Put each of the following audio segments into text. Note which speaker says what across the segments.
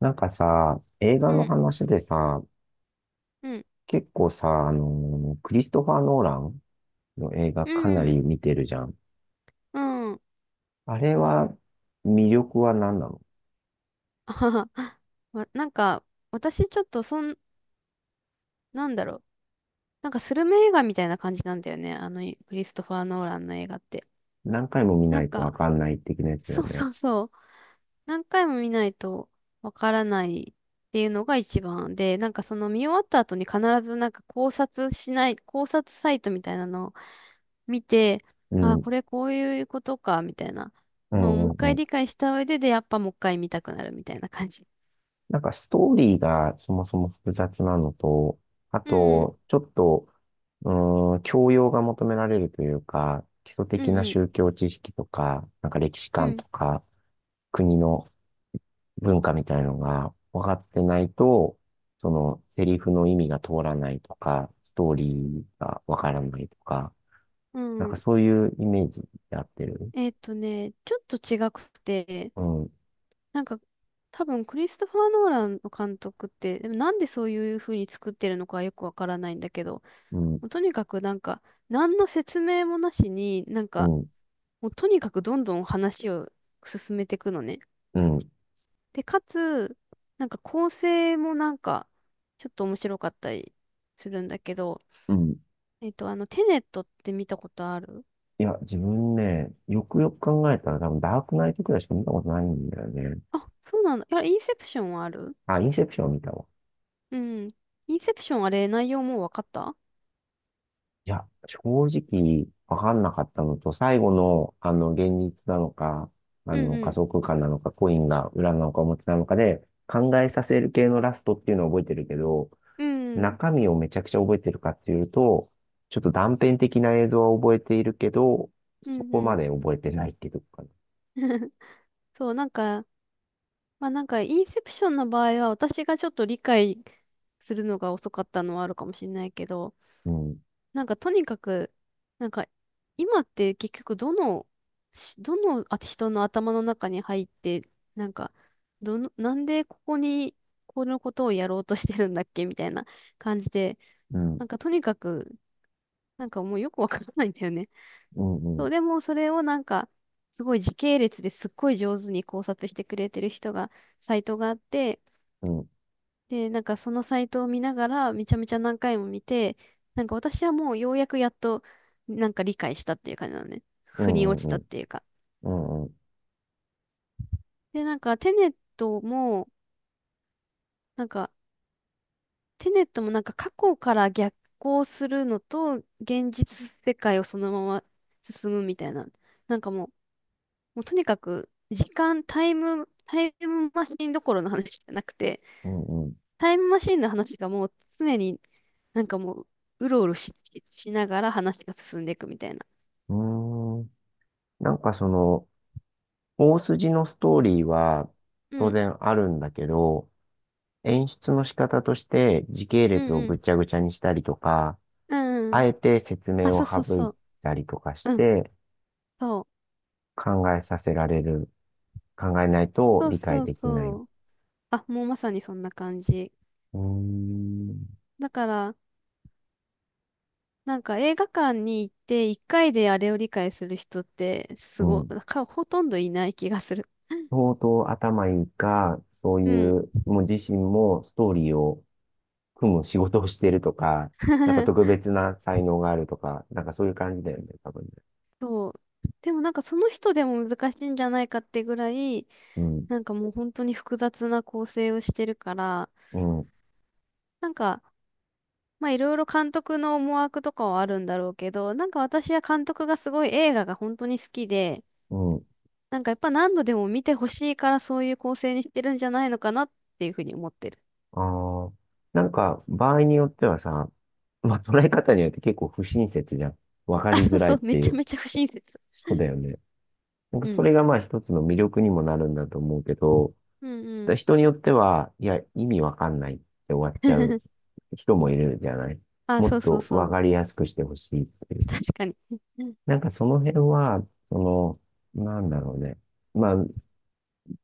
Speaker 1: なんかさ、映画
Speaker 2: う
Speaker 1: の
Speaker 2: ん、
Speaker 1: 話でさ、
Speaker 2: うん、
Speaker 1: 結構さ、クリストファー・ノーランの映画
Speaker 2: う
Speaker 1: かな
Speaker 2: ん、
Speaker 1: り見てるじゃん。
Speaker 2: うん。
Speaker 1: あれは、魅力は何なの？
Speaker 2: あははわなんか、私ちょっとそん、なんだろう。なんかスルメ映画みたいな感じなんだよね。クリストファー・ノーランの映画って。
Speaker 1: 何回も見
Speaker 2: な
Speaker 1: な
Speaker 2: ん
Speaker 1: いとわ
Speaker 2: か、
Speaker 1: かんない的なや つだよ
Speaker 2: そう
Speaker 1: ね。
Speaker 2: そうそう。何回も見ないとわからないっていうのが一番で、なんかその見終わった後に必ずなんか考察しない、考察サイトみたいなのを見て、
Speaker 1: う
Speaker 2: ああ、
Speaker 1: ん。
Speaker 2: これこういうことか、みたいな
Speaker 1: う
Speaker 2: のをも
Speaker 1: ん
Speaker 2: う一
Speaker 1: うんう
Speaker 2: 回
Speaker 1: ん。
Speaker 2: 理解した上で、やっぱもう一回見たくなるみたいな感じ。
Speaker 1: なんかストーリーがそもそも複雑なのと、あ
Speaker 2: うん、
Speaker 1: と、ちょっと、う教養が求められるというか、基礎
Speaker 2: うん、
Speaker 1: 的な
Speaker 2: うん、
Speaker 1: 宗教知識とか、なんか歴史
Speaker 2: う
Speaker 1: 観
Speaker 2: ん、
Speaker 1: とか、国の文化みたいのが分かってないと、そのセリフの意味が通らないとか、ストーリーが分からないとか、
Speaker 2: う
Speaker 1: なんか
Speaker 2: ん。
Speaker 1: そういうイメージで合ってる。
Speaker 2: ちょっと違くて、
Speaker 1: うん、
Speaker 2: なんか、多分クリストファー・ノーランの監督って、でもなんでそういう風に作ってるのかはよくわからないんだけど、
Speaker 1: うん、
Speaker 2: もうとにかくなんか、何の説明もなしに、
Speaker 1: うん、
Speaker 2: もうとにかくどんどん話を進めていくのね。
Speaker 1: うん、
Speaker 2: で、かつ、なんか構成もちょっと面白かったりするんだけど、
Speaker 1: うん。
Speaker 2: テネットって見たことある？
Speaker 1: いや、自分ね、よくよく考えたら多分ダークナイトくらいしか見たことないんだよね。
Speaker 2: あ、そうなんだ。いや、インセプションはある？
Speaker 1: あ、インセプション見たわ。
Speaker 2: うん。インセプションあれ、内容もうわかった？
Speaker 1: いや正直分んなかったのと、最後のあの現実なのか、あ
Speaker 2: うん
Speaker 1: の
Speaker 2: う
Speaker 1: 加
Speaker 2: ん。
Speaker 1: 速感なのか、コインが裏なのか表なのかで考えさせる系のラストっていうのを覚えてるけど、
Speaker 2: うんうん。
Speaker 1: 中身をめちゃくちゃ覚えてるかっていうと、ちょっと断片的な映像を覚えているけど、
Speaker 2: う
Speaker 1: そ
Speaker 2: ん
Speaker 1: こ
Speaker 2: う
Speaker 1: ま
Speaker 2: ん。
Speaker 1: で覚えてないっていうか。
Speaker 2: そう、なんか、インセプションの場合は、私がちょっと理解するのが遅かったのはあるかもしれないけど、
Speaker 1: うん
Speaker 2: とにかく、なんか、今って結局、どの人の頭の中に入って、なんか、なんでここにこのことをやろうとしてるんだっけみたいな感じで、
Speaker 1: うん
Speaker 2: なんかとにかくもうよくわからないんだよね。
Speaker 1: うんうん
Speaker 2: そう、でもそれをすごい時系列ですっごい上手に考察してくれてる人が、サイトがあって、
Speaker 1: うん
Speaker 2: で、なんかそのサイトを見ながら、めちゃめちゃ何回も見て、なんか私はもうようやくやっと、なんか理解したっていう感じなのね。
Speaker 1: う
Speaker 2: 腑に
Speaker 1: ん
Speaker 2: 落ち
Speaker 1: う
Speaker 2: たっていうか。
Speaker 1: んうん
Speaker 2: で、なんか、テネットもなんか過去から逆行するのと、現実世界をそのまま進むみたいな。なんかもう、もうとにかく、時間、タイム、タイムマシンどころの話じゃなくて、タイムマシンの話がもう常になんかもう、うろうろし、しながら話が進んでいくみたいな。
Speaker 1: うんうん。なんかその大筋のストーリーは
Speaker 2: う
Speaker 1: 当
Speaker 2: ん、
Speaker 1: 然あるんだけど、演出の仕方として時系
Speaker 2: うん、
Speaker 1: 列を
Speaker 2: うん。
Speaker 1: ぐちゃぐちゃにしたりとか、
Speaker 2: うんう
Speaker 1: あ
Speaker 2: ん。
Speaker 1: えて説
Speaker 2: あ、
Speaker 1: 明
Speaker 2: そう
Speaker 1: を
Speaker 2: そう
Speaker 1: 省
Speaker 2: そ
Speaker 1: い
Speaker 2: う。
Speaker 1: たりとかし
Speaker 2: うん、
Speaker 1: て
Speaker 2: そう。
Speaker 1: 考えさせられる。考えないと
Speaker 2: そう
Speaker 1: 理解
Speaker 2: そう
Speaker 1: できない。う
Speaker 2: そう。あ、もうまさにそんな感じ。
Speaker 1: ーん。
Speaker 2: だから、なんか映画館に行って一回であれを理解する人ってす
Speaker 1: う
Speaker 2: ご、
Speaker 1: ん。
Speaker 2: か、ほとんどいない気がする。
Speaker 1: 相当頭いいか、そう
Speaker 2: う
Speaker 1: い
Speaker 2: ん。
Speaker 1: う、もう自身もストーリーを組む仕事をしてるとか、なんか特 別な才能があるとか、なんかそういう感じだよね、多分ね。
Speaker 2: そう。でもなんかその人でも難しいんじゃないかってぐらい、
Speaker 1: うん。
Speaker 2: なんかもう本当に複雑な構成をしてるから、
Speaker 1: うん。
Speaker 2: なんか、まあいろいろ監督の思惑とかはあるんだろうけど、なんか私は監督がすごい映画が本当に好きで、
Speaker 1: うん。
Speaker 2: なんかやっぱ何度でも見てほしいからそういう構成にしてるんじゃないのかなっていうふうに思ってる。
Speaker 1: ああ、なんか、場合によってはさ、まあ、捉え方によって結構不親切じゃん。わか
Speaker 2: あ、
Speaker 1: り
Speaker 2: そ
Speaker 1: づ
Speaker 2: う
Speaker 1: らい
Speaker 2: そ
Speaker 1: っ
Speaker 2: う、め
Speaker 1: てい
Speaker 2: ちゃ
Speaker 1: う。
Speaker 2: めちゃ不親切。
Speaker 1: そうだよね。なんか、
Speaker 2: う
Speaker 1: そ
Speaker 2: ん。
Speaker 1: れがまあ一つの魅力にもなるんだと思うけど、
Speaker 2: うんう
Speaker 1: だ
Speaker 2: ん。
Speaker 1: 人によっては、いや、意味わかんないって終わっちゃう 人もいるじゃない。
Speaker 2: あ、
Speaker 1: も
Speaker 2: そ
Speaker 1: っ
Speaker 2: うそう
Speaker 1: と
Speaker 2: そ
Speaker 1: わ
Speaker 2: う。
Speaker 1: かりやすくしてほしいっていう。
Speaker 2: 確かに。
Speaker 1: なんか、その辺は、その、なんだろうね。まあ、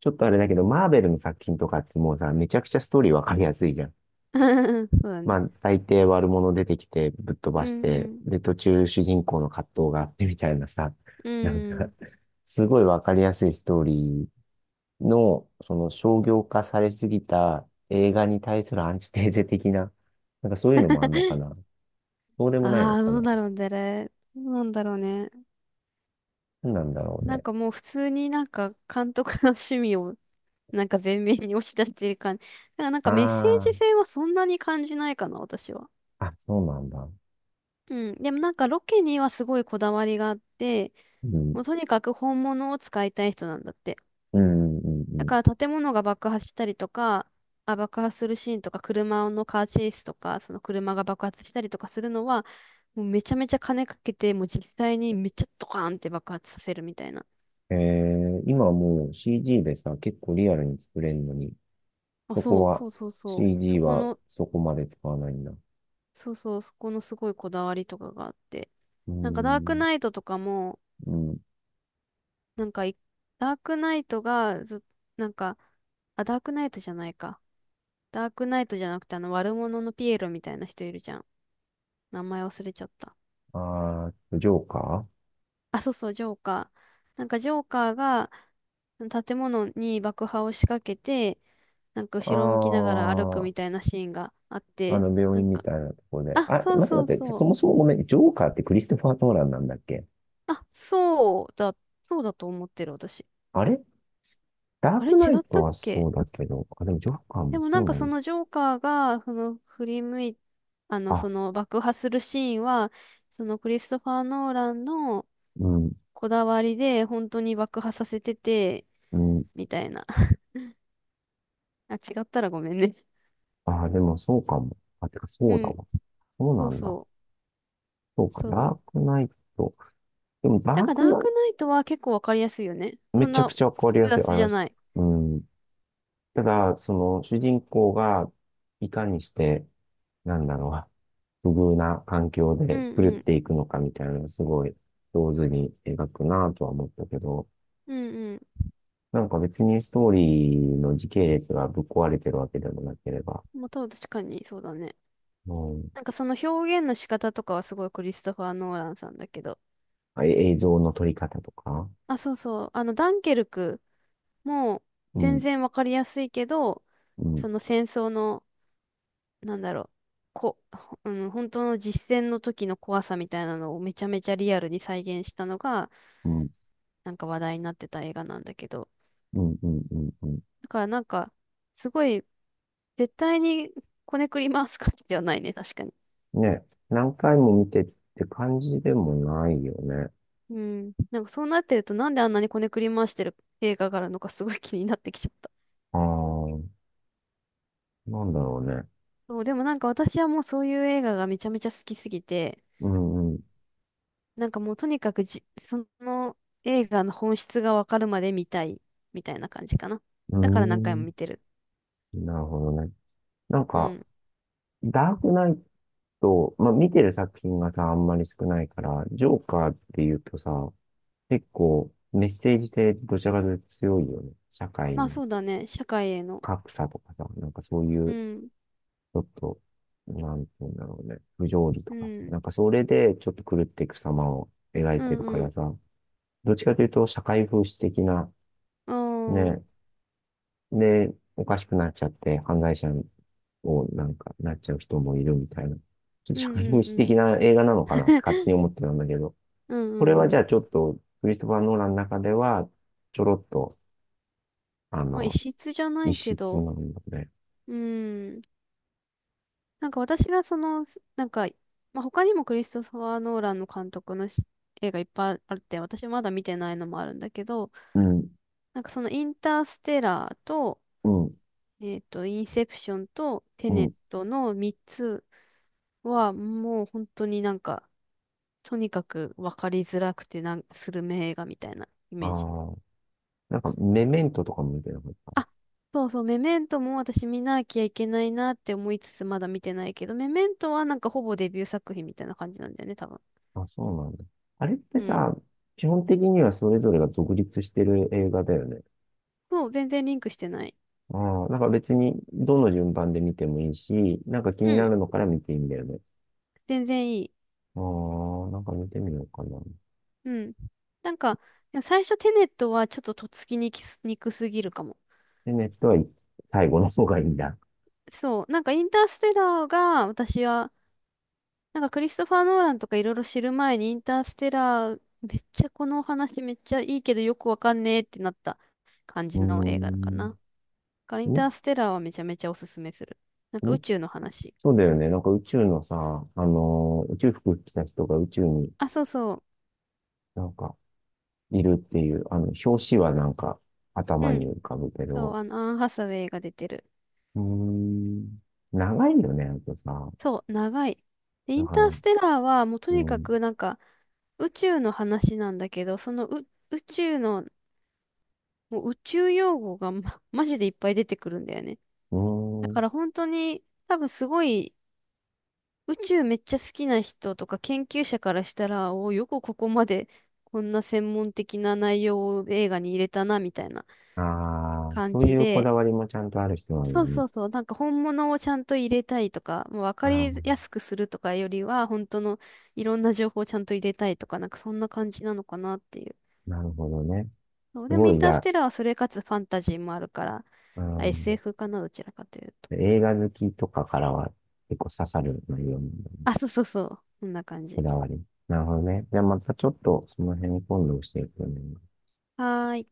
Speaker 1: ちょっとあれだけど、マーベルの作品とかってもうさ、めちゃくちゃストーリーわかりやすいじゃん。
Speaker 2: うん、そうだ
Speaker 1: ま
Speaker 2: ね。
Speaker 1: あ、大抵悪者出てきてぶっ飛
Speaker 2: うん
Speaker 1: ばし
Speaker 2: う
Speaker 1: て、
Speaker 2: ん。
Speaker 1: で、途中主人公の葛藤があってみたいなさ、
Speaker 2: う
Speaker 1: なんか、
Speaker 2: ん。
Speaker 1: すごいわかりやすいストーリーの、その商業化されすぎた映画に対するアンチテーゼ的な、なんかそういうのもあんのかな。そうでもない
Speaker 2: あ
Speaker 1: の
Speaker 2: あ、
Speaker 1: か
Speaker 2: どう
Speaker 1: な。
Speaker 2: だろうね。どうなんだろうね。
Speaker 1: 何なんだろう
Speaker 2: なん
Speaker 1: ね。
Speaker 2: かもう普通になんか監督の趣味をなんか前面に押し出してる感じ。だからなんかメッセージ
Speaker 1: あ
Speaker 2: 性はそんなに感じないかな、私は。
Speaker 1: あ、あ、そうなんだ。
Speaker 2: うん。でもなんかロケにはすごいこだわりがあって、
Speaker 1: うん、
Speaker 2: もうとにかく本物を使いたい人なんだって。
Speaker 1: うん、
Speaker 2: だ
Speaker 1: うん、
Speaker 2: から建物が爆破したりとか、あ、爆破するシーンとか、車のカーチェイスとか、その車が爆発したりとかするのは、もうめちゃめちゃ金かけて、もう実際にめっちゃドカーンって爆発させるみたいな。
Speaker 1: うん。今はもう CG でさ、結構リアルに作れるのに、
Speaker 2: あ、
Speaker 1: そこ
Speaker 2: そう、そ
Speaker 1: は
Speaker 2: うそうそう。そ
Speaker 1: CG
Speaker 2: こ
Speaker 1: は
Speaker 2: の、
Speaker 1: そこまで使わないんだ。
Speaker 2: そうそう、そこのすごいこだわりとかがあって。
Speaker 1: うー
Speaker 2: なんかダーク
Speaker 1: ん、
Speaker 2: ナイトとかも、
Speaker 1: うん。
Speaker 2: なんかい、ダークナイトがず、なんか、あ、ダークナイトじゃないか。ダークナイトじゃなくて、あの悪者のピエロみたいな人いるじゃん。名前忘れちゃった。
Speaker 1: あー、ジョーカ
Speaker 2: あ、そうそう、ジョーカー。なんかジョーカーが建物に爆破を仕掛けて、なんか
Speaker 1: ー。
Speaker 2: 後ろを向きながら歩く
Speaker 1: ああ
Speaker 2: みた
Speaker 1: ー、
Speaker 2: いなシーンがあって、
Speaker 1: 病
Speaker 2: なん
Speaker 1: 院み
Speaker 2: か、
Speaker 1: たいなところで。
Speaker 2: あ、
Speaker 1: あ、
Speaker 2: そう
Speaker 1: 待って
Speaker 2: そう
Speaker 1: 待って、
Speaker 2: そ
Speaker 1: そ
Speaker 2: う。
Speaker 1: もそもごめん、ジョーカーってクリストファー・トーランなんだっけ？
Speaker 2: あ、そうだ、そうだと思ってる私。
Speaker 1: あれ、ダー
Speaker 2: あれ
Speaker 1: ク
Speaker 2: 違
Speaker 1: ナイ
Speaker 2: っ
Speaker 1: ト
Speaker 2: たっ
Speaker 1: はそ
Speaker 2: け？
Speaker 1: うだけど、あ、でもジョーカー
Speaker 2: で
Speaker 1: も
Speaker 2: もな
Speaker 1: そ
Speaker 2: ん
Speaker 1: う
Speaker 2: か
Speaker 1: な
Speaker 2: そ
Speaker 1: の？
Speaker 2: のジョーカーが、その振り向い、あの、
Speaker 1: あ、
Speaker 2: その爆破するシーンは、そのクリストファー・ノーランの
Speaker 1: うん、
Speaker 2: こだわりで本当に爆破させてて、
Speaker 1: うん。
Speaker 2: みたいな。あ、違ったらごめんね。
Speaker 1: あ、でもそうかも。あ、てか
Speaker 2: う
Speaker 1: そうだ
Speaker 2: ん。
Speaker 1: わ。そう
Speaker 2: そ
Speaker 1: な
Speaker 2: う
Speaker 1: んだ。
Speaker 2: そ
Speaker 1: そうか、
Speaker 2: う。そ
Speaker 1: ダ
Speaker 2: う。
Speaker 1: ークナイト。でもダ
Speaker 2: だ
Speaker 1: ー
Speaker 2: か
Speaker 1: ク
Speaker 2: らダー
Speaker 1: ナイ
Speaker 2: クナイトは結構わかりやすいよね。
Speaker 1: ト、
Speaker 2: そ
Speaker 1: め
Speaker 2: ん
Speaker 1: ちゃく
Speaker 2: な
Speaker 1: ちゃわかり
Speaker 2: 複
Speaker 1: やすい。
Speaker 2: 雑
Speaker 1: あ
Speaker 2: じ
Speaker 1: れ
Speaker 2: ゃ
Speaker 1: です。
Speaker 2: ない。
Speaker 1: うん。ただ、その、主人公がいかにして、なんだろう、不遇な環境
Speaker 2: うん
Speaker 1: で狂っ
Speaker 2: うん。
Speaker 1: ていくのかみたいな、すごい上手に描くなとは思ったけど、
Speaker 2: うんう
Speaker 1: なんか別にストーリーの時系列がぶっ壊れてるわけでもなければ。
Speaker 2: ん。まあ、多分確かにそうだね。
Speaker 1: うん、
Speaker 2: なんかその表現の仕方とかはすごいクリストファー・ノーランさんだけど。
Speaker 1: あ、映像の撮り方とか。
Speaker 2: あ、そうそう。ダンケルクも
Speaker 1: う
Speaker 2: 全
Speaker 1: ん、
Speaker 2: 然わかりやすいけど、
Speaker 1: うん、
Speaker 2: その戦争の、なんだろう。こ、ほうん、本当の実戦の時の怖さみたいなのをめちゃめちゃリアルに再現したのが、
Speaker 1: うん、
Speaker 2: なんか話題になってた映画なんだけど。
Speaker 1: うん、うん、うんうん。
Speaker 2: だからなんか、すごい絶対にこねくり回す感じではないね、確かに。
Speaker 1: ね、何回も見てって感じでもないよね。
Speaker 2: うん。なんかそうなってると、なんであんなにこねくり回してる映画があるのかすごい気になってきちゃった。
Speaker 1: ああ、なんだろうね。
Speaker 2: そう、でもなんか私はもうそういう映画がめちゃめちゃ好きすぎて、
Speaker 1: うん、う
Speaker 2: なんかもうとにかくじ、その映画の本質がわかるまで見たい、みたいな感じかな。
Speaker 1: ん、
Speaker 2: だから何回も
Speaker 1: う
Speaker 2: 見てる。
Speaker 1: ーん、なるほどね。なん
Speaker 2: う
Speaker 1: か、
Speaker 2: ん。
Speaker 1: ダークナイと、まあ、見てる作品がさ、あんまり少ないから、ジョーカーって言うとさ、結構メッセージ性どちらかというと強いよね。社会
Speaker 2: まあ
Speaker 1: の
Speaker 2: そうだね、社会への。
Speaker 1: 格差とかさ、なんかそうい
Speaker 2: う
Speaker 1: う、ち
Speaker 2: ん、
Speaker 1: ょっと、なんて言うんだろうね、不条理
Speaker 2: う
Speaker 1: とかさ、
Speaker 2: ん、
Speaker 1: なんかそれでちょっと狂っていく様を描い
Speaker 2: う
Speaker 1: て
Speaker 2: ん、
Speaker 1: るか
Speaker 2: う
Speaker 1: ら
Speaker 2: ん、
Speaker 1: さ、どっちかというと社会風刺的な。
Speaker 2: あ
Speaker 1: ね、
Speaker 2: あ、
Speaker 1: で、おかしくなっちゃって犯罪者をなんかなっちゃう人もいるみたいな、ちょっと
Speaker 2: う
Speaker 1: 社
Speaker 2: ん、
Speaker 1: 会風
Speaker 2: うん、う
Speaker 1: 刺
Speaker 2: ん。
Speaker 1: 的な映画なのかなって勝手 に思ってたんだけど、
Speaker 2: うん、
Speaker 1: これ
Speaker 2: う
Speaker 1: はじ
Speaker 2: ん。う
Speaker 1: ゃあち
Speaker 2: ん。
Speaker 1: ょっと、クリストファー・ノーランの中では、ちょろっと、あ
Speaker 2: まあ、異
Speaker 1: の、
Speaker 2: 質じゃな
Speaker 1: 一
Speaker 2: いけ
Speaker 1: 室
Speaker 2: ど、
Speaker 1: なんだね。
Speaker 2: うん。なんか私がその、なんか、まあ、他にもクリストファー・ノーランの監督の映画いっぱいあって、私まだ見てないのもあるんだけど、
Speaker 1: うん、
Speaker 2: なんかそのインターステラーと、
Speaker 1: うん、
Speaker 2: えっと、インセプションとテ
Speaker 1: う
Speaker 2: ネッ
Speaker 1: ん。
Speaker 2: トの3つはもう本当になんか、とにかく分かりづらくてスル映画みたいなイ
Speaker 1: あ
Speaker 2: メージ。
Speaker 1: あ、なんか、メメントとかも見てなかっ
Speaker 2: あ、そうそう、メメントも私見なきゃいけないなって思いつつまだ見てないけど、メメントはなんかほぼデビュー作品みたいな感じなんだよね、多分。
Speaker 1: た。あ、そうなんだ。あれって
Speaker 2: うん。
Speaker 1: さ、基本的にはそれぞれが独立してる映画だよね。
Speaker 2: そう、全然リンクしてない。
Speaker 1: ああ、なんか別に、どの順番で見てもいいし、なんか気に
Speaker 2: う
Speaker 1: な
Speaker 2: ん。
Speaker 1: るのから見ていいんだよね。
Speaker 2: 全然いい。
Speaker 1: ああ、なんか見てみようかな。
Speaker 2: うん。なんか、いや最初テネットはちょっととっつきにくすぎるかも。
Speaker 1: で、ネットは最後の方がいいんだ。
Speaker 2: そう。なんかインターステラーが私は、なんかクリストファー・ノーランとかいろいろ知る前にインターステラーめっちゃこのお話めっちゃいいけどよくわかんねえってなった感
Speaker 1: うー
Speaker 2: じの映画かな。だ
Speaker 1: ん。
Speaker 2: からインターステラーはめちゃめちゃおすすめする。なんか宇
Speaker 1: ん
Speaker 2: 宙の話。
Speaker 1: そうだよね。なんか宇宙のさ、宇宙服着た人が宇宙に
Speaker 2: あ、そうそ
Speaker 1: なんかいるっていう、表紙はなんか
Speaker 2: う。
Speaker 1: 頭
Speaker 2: う
Speaker 1: に
Speaker 2: ん。
Speaker 1: 浮かぶけ
Speaker 2: そう、
Speaker 1: ど、
Speaker 2: あの、アン・ハサウェイが出てる。
Speaker 1: うーん、長いよね、あとさ。
Speaker 2: そう、長い。で、イ
Speaker 1: だ
Speaker 2: ン
Speaker 1: か
Speaker 2: ター
Speaker 1: ら、
Speaker 2: ステラーはもうと
Speaker 1: う
Speaker 2: にか
Speaker 1: ん、
Speaker 2: くなんか宇宙の話なんだけど、そのう宇宙の、もう宇宙用語がマジでいっぱい出てくるんだよね。
Speaker 1: う
Speaker 2: だ
Speaker 1: ー
Speaker 2: か
Speaker 1: ん、
Speaker 2: ら本当に多分すごい宇宙めっちゃ好きな人とか研究者からしたら、およくここまでこんな専門的な内容を映画に入れたなみたいな
Speaker 1: ああ、
Speaker 2: 感
Speaker 1: そうい
Speaker 2: じ
Speaker 1: うこ
Speaker 2: で、
Speaker 1: だわりもちゃんとある人なん
Speaker 2: そ
Speaker 1: だ
Speaker 2: う
Speaker 1: ね。
Speaker 2: そうそう。なんか本物をちゃんと入れたいとか、もう分
Speaker 1: あ
Speaker 2: か
Speaker 1: あ、
Speaker 2: りやすくするとかよりは、本当のいろんな情報をちゃんと入れたいとか、なんかそんな感じなのかなっていう。
Speaker 1: なるほどね。
Speaker 2: そう、
Speaker 1: す
Speaker 2: でも
Speaker 1: ご
Speaker 2: イン
Speaker 1: い、じ
Speaker 2: ター
Speaker 1: ゃ
Speaker 2: ス
Speaker 1: あ、
Speaker 2: テラーはそれかつファンタジーもあるから、
Speaker 1: う
Speaker 2: あ、
Speaker 1: ん、
Speaker 2: SF かな、どちらかというと。
Speaker 1: 映画好きとかからは結構刺さる内容なんだね。
Speaker 2: あ、そうそうそう。こんな感
Speaker 1: こ
Speaker 2: じ。
Speaker 1: だわり。なるほどね。じゃあまたちょっとその辺今度教えてね。
Speaker 2: はーい。